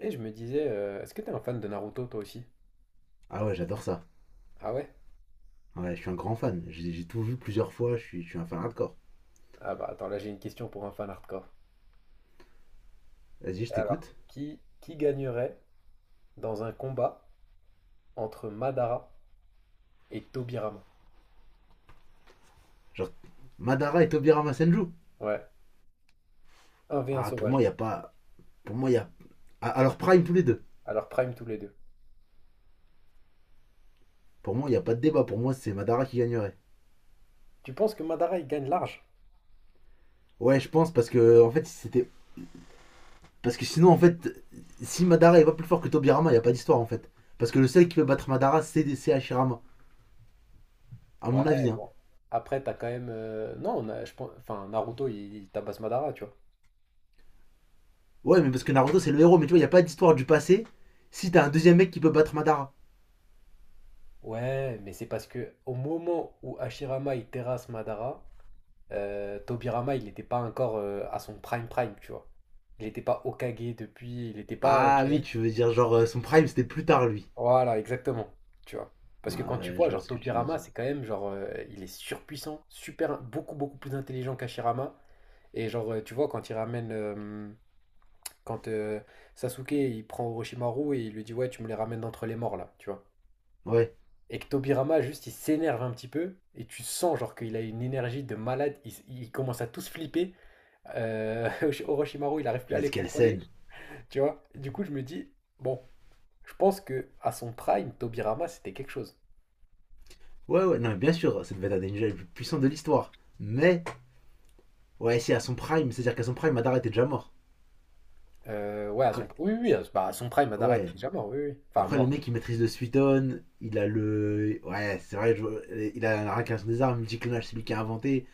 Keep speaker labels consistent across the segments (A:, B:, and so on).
A: Et je me disais, est-ce que t'es un fan de Naruto toi aussi?
B: Ah ouais, j'adore ça.
A: Ah ouais?
B: Ouais, je suis un grand fan. J'ai tout vu plusieurs fois, je suis un fan hardcore.
A: Ah bah attends, là j'ai une question pour un fan hardcore.
B: Vas-y, je
A: Alors,
B: t'écoute.
A: qui gagnerait dans un combat entre Madara et Tobirama?
B: Genre, Madara et Tobirama Senju.
A: Ouais, un
B: Ah, pour moi, il
A: sauvage.
B: n'y a pas. Pour moi, il y a. Ah, alors, Prime tous les deux.
A: Alors prime tous les deux.
B: Pour moi, il n'y a pas de débat. Pour moi, c'est Madara qui gagnerait.
A: Tu penses que Madara il gagne large?
B: Ouais, je pense, parce que, en fait, c'était. Parce que sinon, en fait, si Madara est pas plus fort que Tobirama, il n'y a pas d'histoire, en fait. Parce que le seul qui peut battre Madara, c'est Hashirama. À mon
A: Ouais,
B: avis, hein.
A: bon. Après, t'as quand même. Non, on a- Je pense... enfin, Naruto il tabasse Madara, tu vois.
B: Ouais, mais parce que Naruto, c'est le héros, mais tu vois, il n'y a pas d'histoire du passé si t'as un deuxième mec qui peut battre Madara.
A: Ouais, mais c'est parce que au moment où Hashirama il terrasse Madara, Tobirama, il n'était pas encore à son prime, tu vois. Il n'était pas Hokage depuis, il n'était pas,
B: Ah
A: tu vois.
B: oui, tu veux dire, genre, son Prime, c'était plus tard, lui.
A: Voilà, exactement, tu vois. Parce que quand tu
B: Ouais,
A: vois,
B: je vois
A: genre
B: ce que tu veux
A: Tobirama,
B: dire.
A: c'est quand même genre, il est surpuissant, super, beaucoup beaucoup plus intelligent qu'Hashirama. Et genre, tu vois, quand Sasuke, il prend Orochimaru et il lui dit, ouais, tu me les ramènes d'entre les morts là, tu vois.
B: Ouais,
A: Et que Tobirama, juste, il s'énerve un petit peu, et tu sens genre qu'il a une énergie de malade, il commence à tous flipper. Euh, Orochimaru, il n'arrive plus à
B: Vince
A: les contrôler.
B: Kelsen.
A: Tu vois? Du coup, je me dis, bon, je pense que à son prime, Tobirama, c'était quelque chose.
B: Ouais, ouais, non, mais bien sûr, ça devait être un des ninjas les plus puissants de l'histoire. Mais, ouais, si, à son prime, c'est-à-dire qu'à son prime, Madara était déjà mort.
A: Ouais, à son,
B: Quand-
A: oui, oui, oui, à, bah, à son prime, Madara était
B: Ouais.
A: déjà mort, oui, oui. Enfin,
B: Après, le
A: mort.
B: mec, il maîtrise le Suiton, il a le. Ouais, c'est vrai, il a la réincarnation des armes, multiclonage, c'est lui qui a inventé.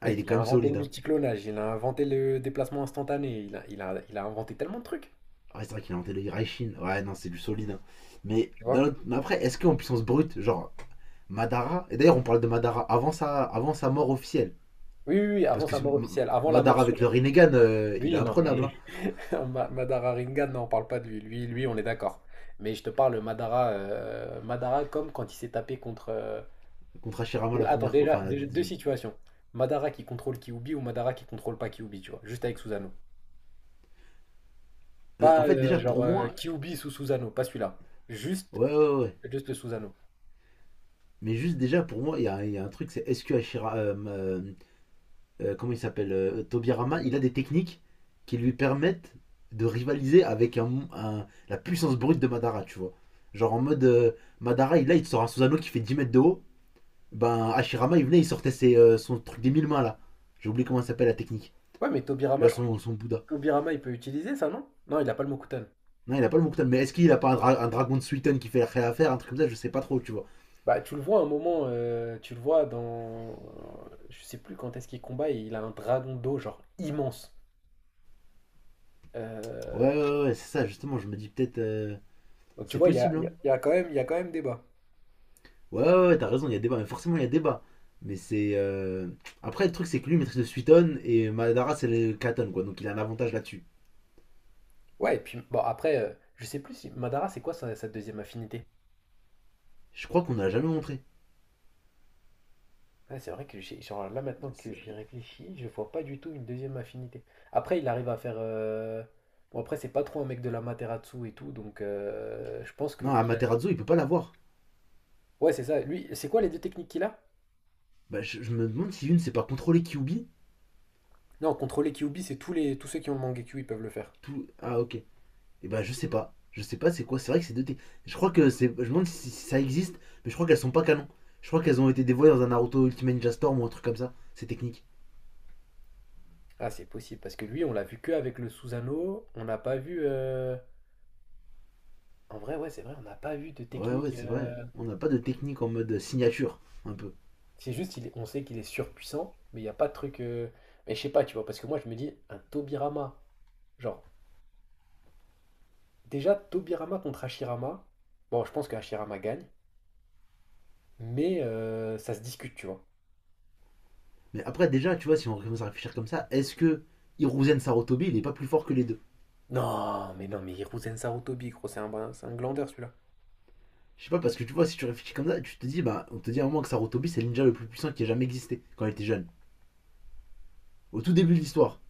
B: Ah, il
A: Mec,
B: est
A: il
B: quand
A: a
B: même
A: inventé le
B: solide, hein.
A: multiclonage, il a inventé le déplacement instantané, il a inventé tellement de trucs,
B: Ah, ouais, c'est vrai qu'il a inventé le Hiraishin. Ouais, non, c'est du solide, hein. Mais,
A: tu vois?
B: mais après, est-ce qu'en puissance brute, genre, Madara, et d'ailleurs, on parle de Madara avant sa mort officielle.
A: Oui, oui, oui,
B: Parce
A: avant
B: que
A: sa mort officielle, avant la mort
B: Madara
A: sur...
B: avec le Rinnegan, il est
A: Oui, non,
B: imprenable,
A: mais
B: hein,
A: Madara Rinnegan, non, on parle pas de lui. Lui, on est d'accord. Mais je te parle Madara, Madara comme quand il s'est tapé contre, euh.
B: contre Hashirama la
A: Attends,
B: première fois.
A: déjà,
B: Enfin, la
A: déjà, deux
B: deuxième.
A: situations. Madara qui contrôle Kyuubi ou Madara qui contrôle pas Kyuubi, tu vois, juste avec Susanoo.
B: En
A: Pas
B: fait, déjà, pour moi.
A: Kyuubi sous Susanoo, pas celui-là. Juste,
B: Ouais, ouais, ouais.
A: juste le Susanoo.
B: Mais juste déjà, pour moi, il y a, y a un truc, c'est est-ce que comment il s'appelle Tobirama, il
A: Tobirama.
B: a des techniques qui lui permettent de rivaliser avec un, la puissance brute de Madara, tu vois. Genre en mode. Madara, il, là, il te sort un Susanoo qui fait 10 mètres de haut. Ben, Hashirama, il venait, il sortait ses, son truc des mille mains, là. J'ai oublié comment ça s'appelle la technique.
A: Ouais, mais Tobirama,
B: Là,
A: je crois
B: son,
A: que
B: son Bouddha.
A: Tobirama, il peut utiliser ça, non? Non, il a pas le Mokutan.
B: Non, il a pas le Mouktam, mais est-ce qu'il a pas un, un dragon de Suiten qui fait réaffaire, un truc comme ça, je sais pas trop, tu vois.
A: Bah, tu le vois à un moment, tu le vois dans, euh. Je sais plus quand est-ce qu'il combat, il a un dragon d'eau, genre immense.
B: Ouais,
A: Euh.
B: ouais, ouais, ouais, c'est ça, justement, je me dis peut-être.
A: Donc tu
B: C'est
A: vois, il y a,
B: possible,
A: il y a-
B: hein.
A: il y a quand même, il y a quand même débat.
B: Ouais, ouais, ouais, t'as raison, il y a débat, mais forcément, il y a débat. Mais c'est. Après, le truc, c'est que lui maîtrise le Suiton et Madara, c'est le Katon, quoi, donc il a un avantage là-dessus.
A: Ouais, et puis bon, après, je sais plus si Madara, c'est quoi sa deuxième affinité?
B: Je crois qu'on ne l'a jamais montré.
A: Ouais, c'est vrai que j'ai, genre là maintenant que j'y
B: C'est-
A: réfléchis, je vois pas du tout une deuxième affinité. Après, il arrive à faire, euh. Bon, après, c'est pas trop un mec de la Materatsu et tout, donc je pense que.
B: Non,
A: Il a...
B: Amaterasu, il peut pas l'avoir.
A: Ouais, c'est ça. Lui, c'est quoi les deux techniques qu'il a?
B: Bah, je me demande si une, c'est pas contrôler Kyubi.
A: Non, contrôler Kyuubi, c'est tous ceux qui ont le Mangekyou, ils peuvent le faire.
B: Tout... Ah, ok. Et ben je sais pas. Je sais pas c'est quoi. C'est vrai que c'est deux T. Je crois que c'est. Je me demande si ça existe, mais je crois qu'elles sont pas canon. Je crois qu'elles ont été dévoilées dans un Naruto Ultimate Ninja Storm ou un truc comme ça. Ces techniques.
A: Ah, c'est possible, parce que lui, on l'a vu que avec le Susanoo, on n'a pas vu, euh. En vrai, ouais, c'est vrai, on n'a pas vu de
B: Ouais, ouais,
A: technique,
B: c'est vrai.
A: euh.
B: On n'a pas de technique en mode signature un peu.
A: C'est juste, on sait qu'il est surpuissant, mais il n'y a pas de truc, euh. Mais je sais pas, tu vois, parce que moi, je me dis, un Tobirama. Genre, déjà, Tobirama contre Hashirama. Bon, je pense que Hashirama gagne, mais ça se discute, tu vois.
B: Mais après déjà tu vois si on commence à réfléchir comme ça, est-ce que Hiruzen Sarutobi il est pas plus fort que les deux?
A: Non, mais non, mais Hiruzen Sarutobi, gros, c'est un glandeur celui-là.
B: Je sais pas parce que tu vois si tu réfléchis comme ça, tu te dis bah on te dit à un moment que Sarutobi c'est le ninja le plus puissant qui ait jamais existé quand il était jeune. Au tout début de l'histoire.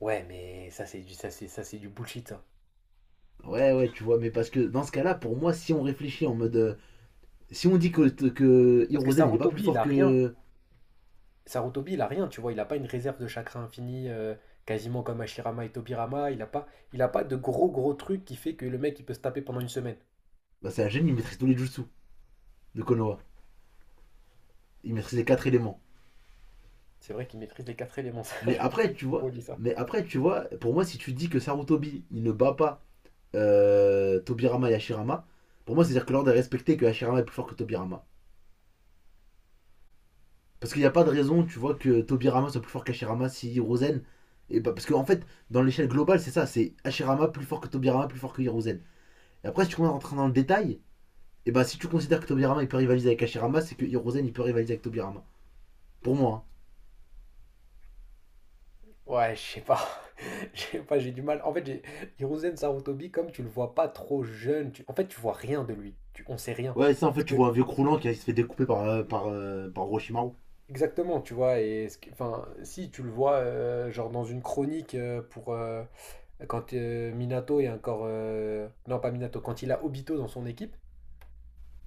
A: Ouais, mais ça, c'est du bullshit, ça.
B: Ouais, ouais, tu vois, mais parce que dans ce cas-là pour moi si on réfléchit en mode si on dit que,
A: Parce que
B: Hiruzen il est pas plus
A: Sarutobi, il
B: fort
A: a rien.
B: que.
A: Sarutobi, il a rien, tu vois. Il a pas une réserve de chakra infini, quasiment comme Hashirama et Tobirama. Il a pas de gros, gros truc qui fait que le mec, il peut se taper pendant une semaine.
B: Bah, c'est un génie, il maîtrise tous les jutsu de Konoha. Il maîtrise les quatre éléments.
A: C'est vrai qu'il maîtrise les quatre éléments, ça,
B: Mais
A: j'avoue que
B: après,
A: c'est
B: tu
A: une
B: vois,
A: folie, ça. Tu...
B: mais après, tu vois, pour moi, si tu dis que Sarutobi il ne bat pas Tobirama et Hashirama, pour moi, c'est-à-dire que l'ordre est respecté que Hashirama est plus fort que Tobirama. Parce qu'il n'y a pas de raison, tu vois, que Tobirama soit plus fort qu'Hashirama si Hiruzen. Et bah, parce qu'en en fait, dans l'échelle globale, c'est ça, c'est Hashirama plus fort que Tobirama, plus fort que Hiruzen. Et après, si tu commences à rentrer dans le détail, et bah si tu considères que Tobirama il peut rivaliser avec Hashirama, c'est que Hiruzen il peut rivaliser avec Tobirama. Pour moi, hein.
A: Ouais, je sais pas. Je sais pas, j'ai du mal. En fait, j'ai... Hiruzen Sarutobi, comme tu le vois pas trop jeune, tu... en fait, tu vois rien de lui. Tu... On sait rien.
B: Ouais, ça en
A: Parce
B: fait, tu
A: que,
B: vois un vieux croulant qui se fait découper par, par, par Orochimaru.
A: exactement, tu vois, et enfin, si tu le vois, genre dans une chronique pour quand Minato est encore, euh. Non, pas Minato, quand il a Obito dans son équipe,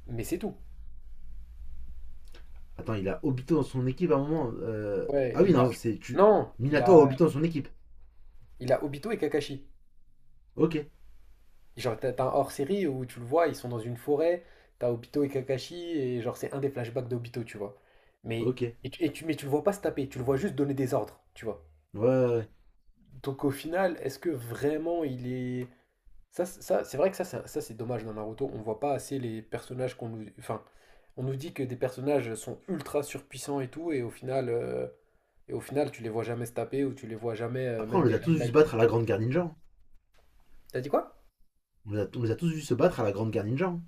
A: mais c'est tout.
B: Attends, il a Obito dans son équipe à un moment.
A: Ouais,
B: Ah oui,
A: il a.
B: non, c'est. Tu...
A: Non,
B: Minato a Obito dans son équipe.
A: il a Obito et Kakashi.
B: Ok,
A: Genre, t'as un hors-série où tu le vois, ils sont dans une forêt, t'as Obito et Kakashi, et genre, c'est un des flashbacks d'Obito, tu vois. Mais,
B: ok. Ouais,
A: mais tu le vois pas se taper, tu le vois juste donner des ordres, tu vois.
B: ouais, ouais.
A: Donc au final, est-ce que vraiment il est... ça, ça c'est dommage, dans Naruto, on voit pas assez les personnages qu'on nous... Enfin, on nous dit que des personnages sont ultra surpuissants et tout, et au final tu les vois jamais se taper, ou tu les vois jamais,
B: Après, on
A: même
B: les
A: des
B: a tous vus se
A: highlights.
B: battre à la Grande Guerre Ninja, hein.
A: T'as dit quoi?
B: On les a tous vus se battre à la Grande Guerre Ninja, hein.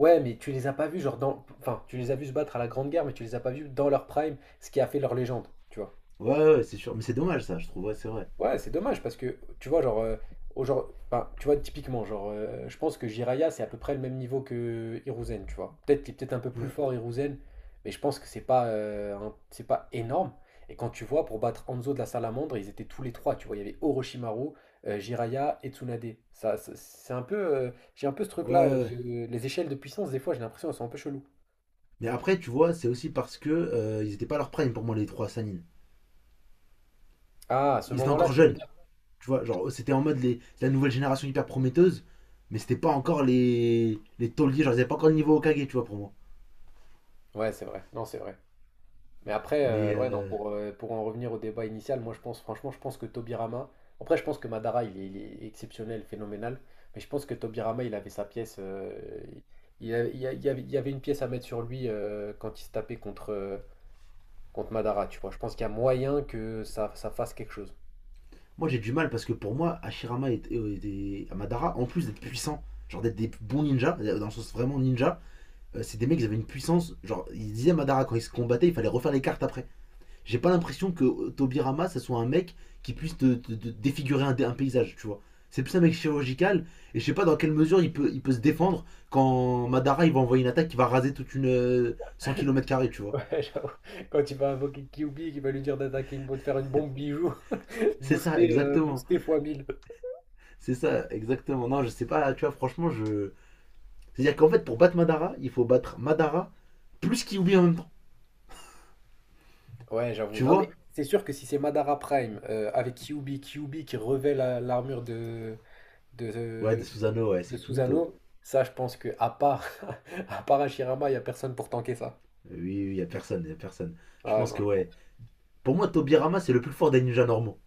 A: Ouais, mais tu les as pas vus, genre dans. Enfin, tu les as vus se battre à la Grande Guerre, mais tu les as pas vus dans leur prime, ce qui a fait leur légende, tu vois.
B: Ouais, ouais, ouais, c'est sûr. Mais c'est dommage, ça, je trouve. Ouais, c'est vrai.
A: Ouais, c'est dommage parce que, tu vois, genre, euh. Enfin, tu vois, typiquement, genre, je pense que Jiraiya c'est à peu près le même niveau que Hiruzen, tu vois. Peut-être qu'il est peut-être un peu plus
B: Ouais,
A: fort, Hiruzen, mais je pense que c'est pas, c'est pas énorme. Et quand tu vois, pour battre Hanzo de la Salamandre, ils étaient tous les trois, tu vois. Il y avait Orochimaru, Jiraya et Tsunade. C'est un peu, euh. J'ai un peu ce
B: ouais, ouais,
A: truc-là,
B: ouais.
A: les échelles de puissance, des fois, j'ai l'impression, elles sont un peu cheloues.
B: Mais après, tu vois, c'est aussi parce que ils étaient pas à leur prime pour moi, les trois Sanin.
A: Ah, à ce
B: Ils étaient
A: moment-là,
B: encore
A: tu veux
B: jeunes.
A: dire?
B: Tu vois, genre, c'était en mode les, la nouvelle génération hyper prometteuse, mais c'était pas encore les tauliers, genre, ils avaient pas encore le niveau Okage, tu vois, pour moi.
A: Ouais, c'est vrai. Non, c'est vrai. Mais après,
B: Mais
A: ouais, non, pour en revenir au débat initial, moi, je pense, franchement, je pense que Tobirama. Après, je pense que Madara, il est exceptionnel, phénoménal. Mais je pense que Tobirama, il avait sa pièce, euh. il, a- il y avait une pièce à mettre sur lui quand il se tapait contre, contre Madara, tu vois. Je pense qu'il y a moyen que ça fasse quelque chose.
B: moi, j'ai du mal parce que pour moi, Hashirama et, et Amadara, en plus d'être puissants, genre d'être des bons ninjas, dans le sens vraiment ninja, c'est des mecs qui avaient une puissance. Genre, ils disaient à Amadara, quand ils se combattaient, il fallait refaire les cartes après. J'ai pas l'impression que Tobirama, ça soit un mec qui puisse te, te défigurer un paysage, tu vois. C'est plus un mec chirurgical, et je sais pas dans quelle mesure il peut se défendre quand Madara il va envoyer une attaque qui va raser toute une 100 km, tu
A: Ouais,
B: vois.
A: j'avoue. Quand il va invoquer Kyuubi, qu'il va lui dire d'attaquer une bombe, de faire une bombe bijou,
B: C'est ça, exactement.
A: booster fois mille.
B: C'est ça, exactement. Non, je sais pas, tu vois, franchement, je. C'est-à-dire qu'en fait, pour battre Madara, il faut battre Madara plus Kyuubi en même temps,
A: Ouais, j'avoue.
B: tu
A: Non, mais
B: vois.
A: c'est sûr que si c'est Madara Prime avec Kyuubi, Kyuubi qui revêt l'armure de,
B: Ouais, de
A: de,
B: Susanoo, ouais, c'est
A: de
B: finito.
A: Susanoo, ça, je pense que à part, à part Hashirama, il n'y a personne pour tanker ça.
B: Oui, oui, y a personne, y a personne. Je
A: Ah
B: pense
A: non,
B: que
A: je
B: ouais.
A: pense...
B: Pour moi, Tobirama, c'est le plus fort des ninjas normaux.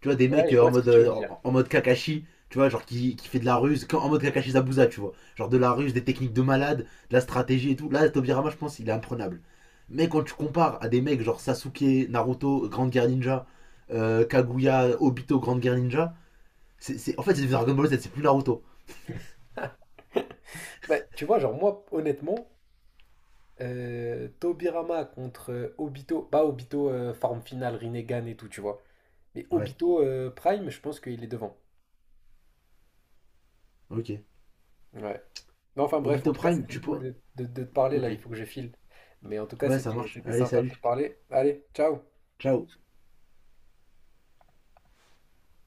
B: Tu vois, des
A: Ouais,
B: mecs
A: je
B: en
A: vois ce que
B: mode,
A: tu veux dire.
B: en mode Kakashi, tu vois, genre qui fait de la ruse, en mode Kakashi Zabuza, tu vois. Genre de la ruse, des techniques de malade, de la stratégie et tout. Là, Tobirama, je pense, il est imprenable. Mais quand tu compares à des mecs genre Sasuke, Naruto, Grande Guerre Ninja, Kaguya, Obito, Grande Guerre Ninja, en fait, c'est Dragon Ball Z, c'est plus Naruto.
A: Bah, tu vois, genre, moi, honnêtement. Tobirama contre Obito, pas Obito forme finale, Rinnegan et tout, tu vois. Mais
B: Ouais,
A: Obito, Prime, je pense qu'il est devant.
B: ok.
A: Ouais. Mais enfin bref, en
B: Obito
A: tout cas,
B: Prime,
A: c'était
B: tu
A: cool
B: peux.
A: de, de te parler
B: Ok.
A: là, il faut que je file. Mais en tout cas,
B: Ouais, ça
A: c'était
B: marche.
A: c'était
B: Allez,
A: sympa de te
B: salut.
A: parler. Allez, ciao!
B: Ciao.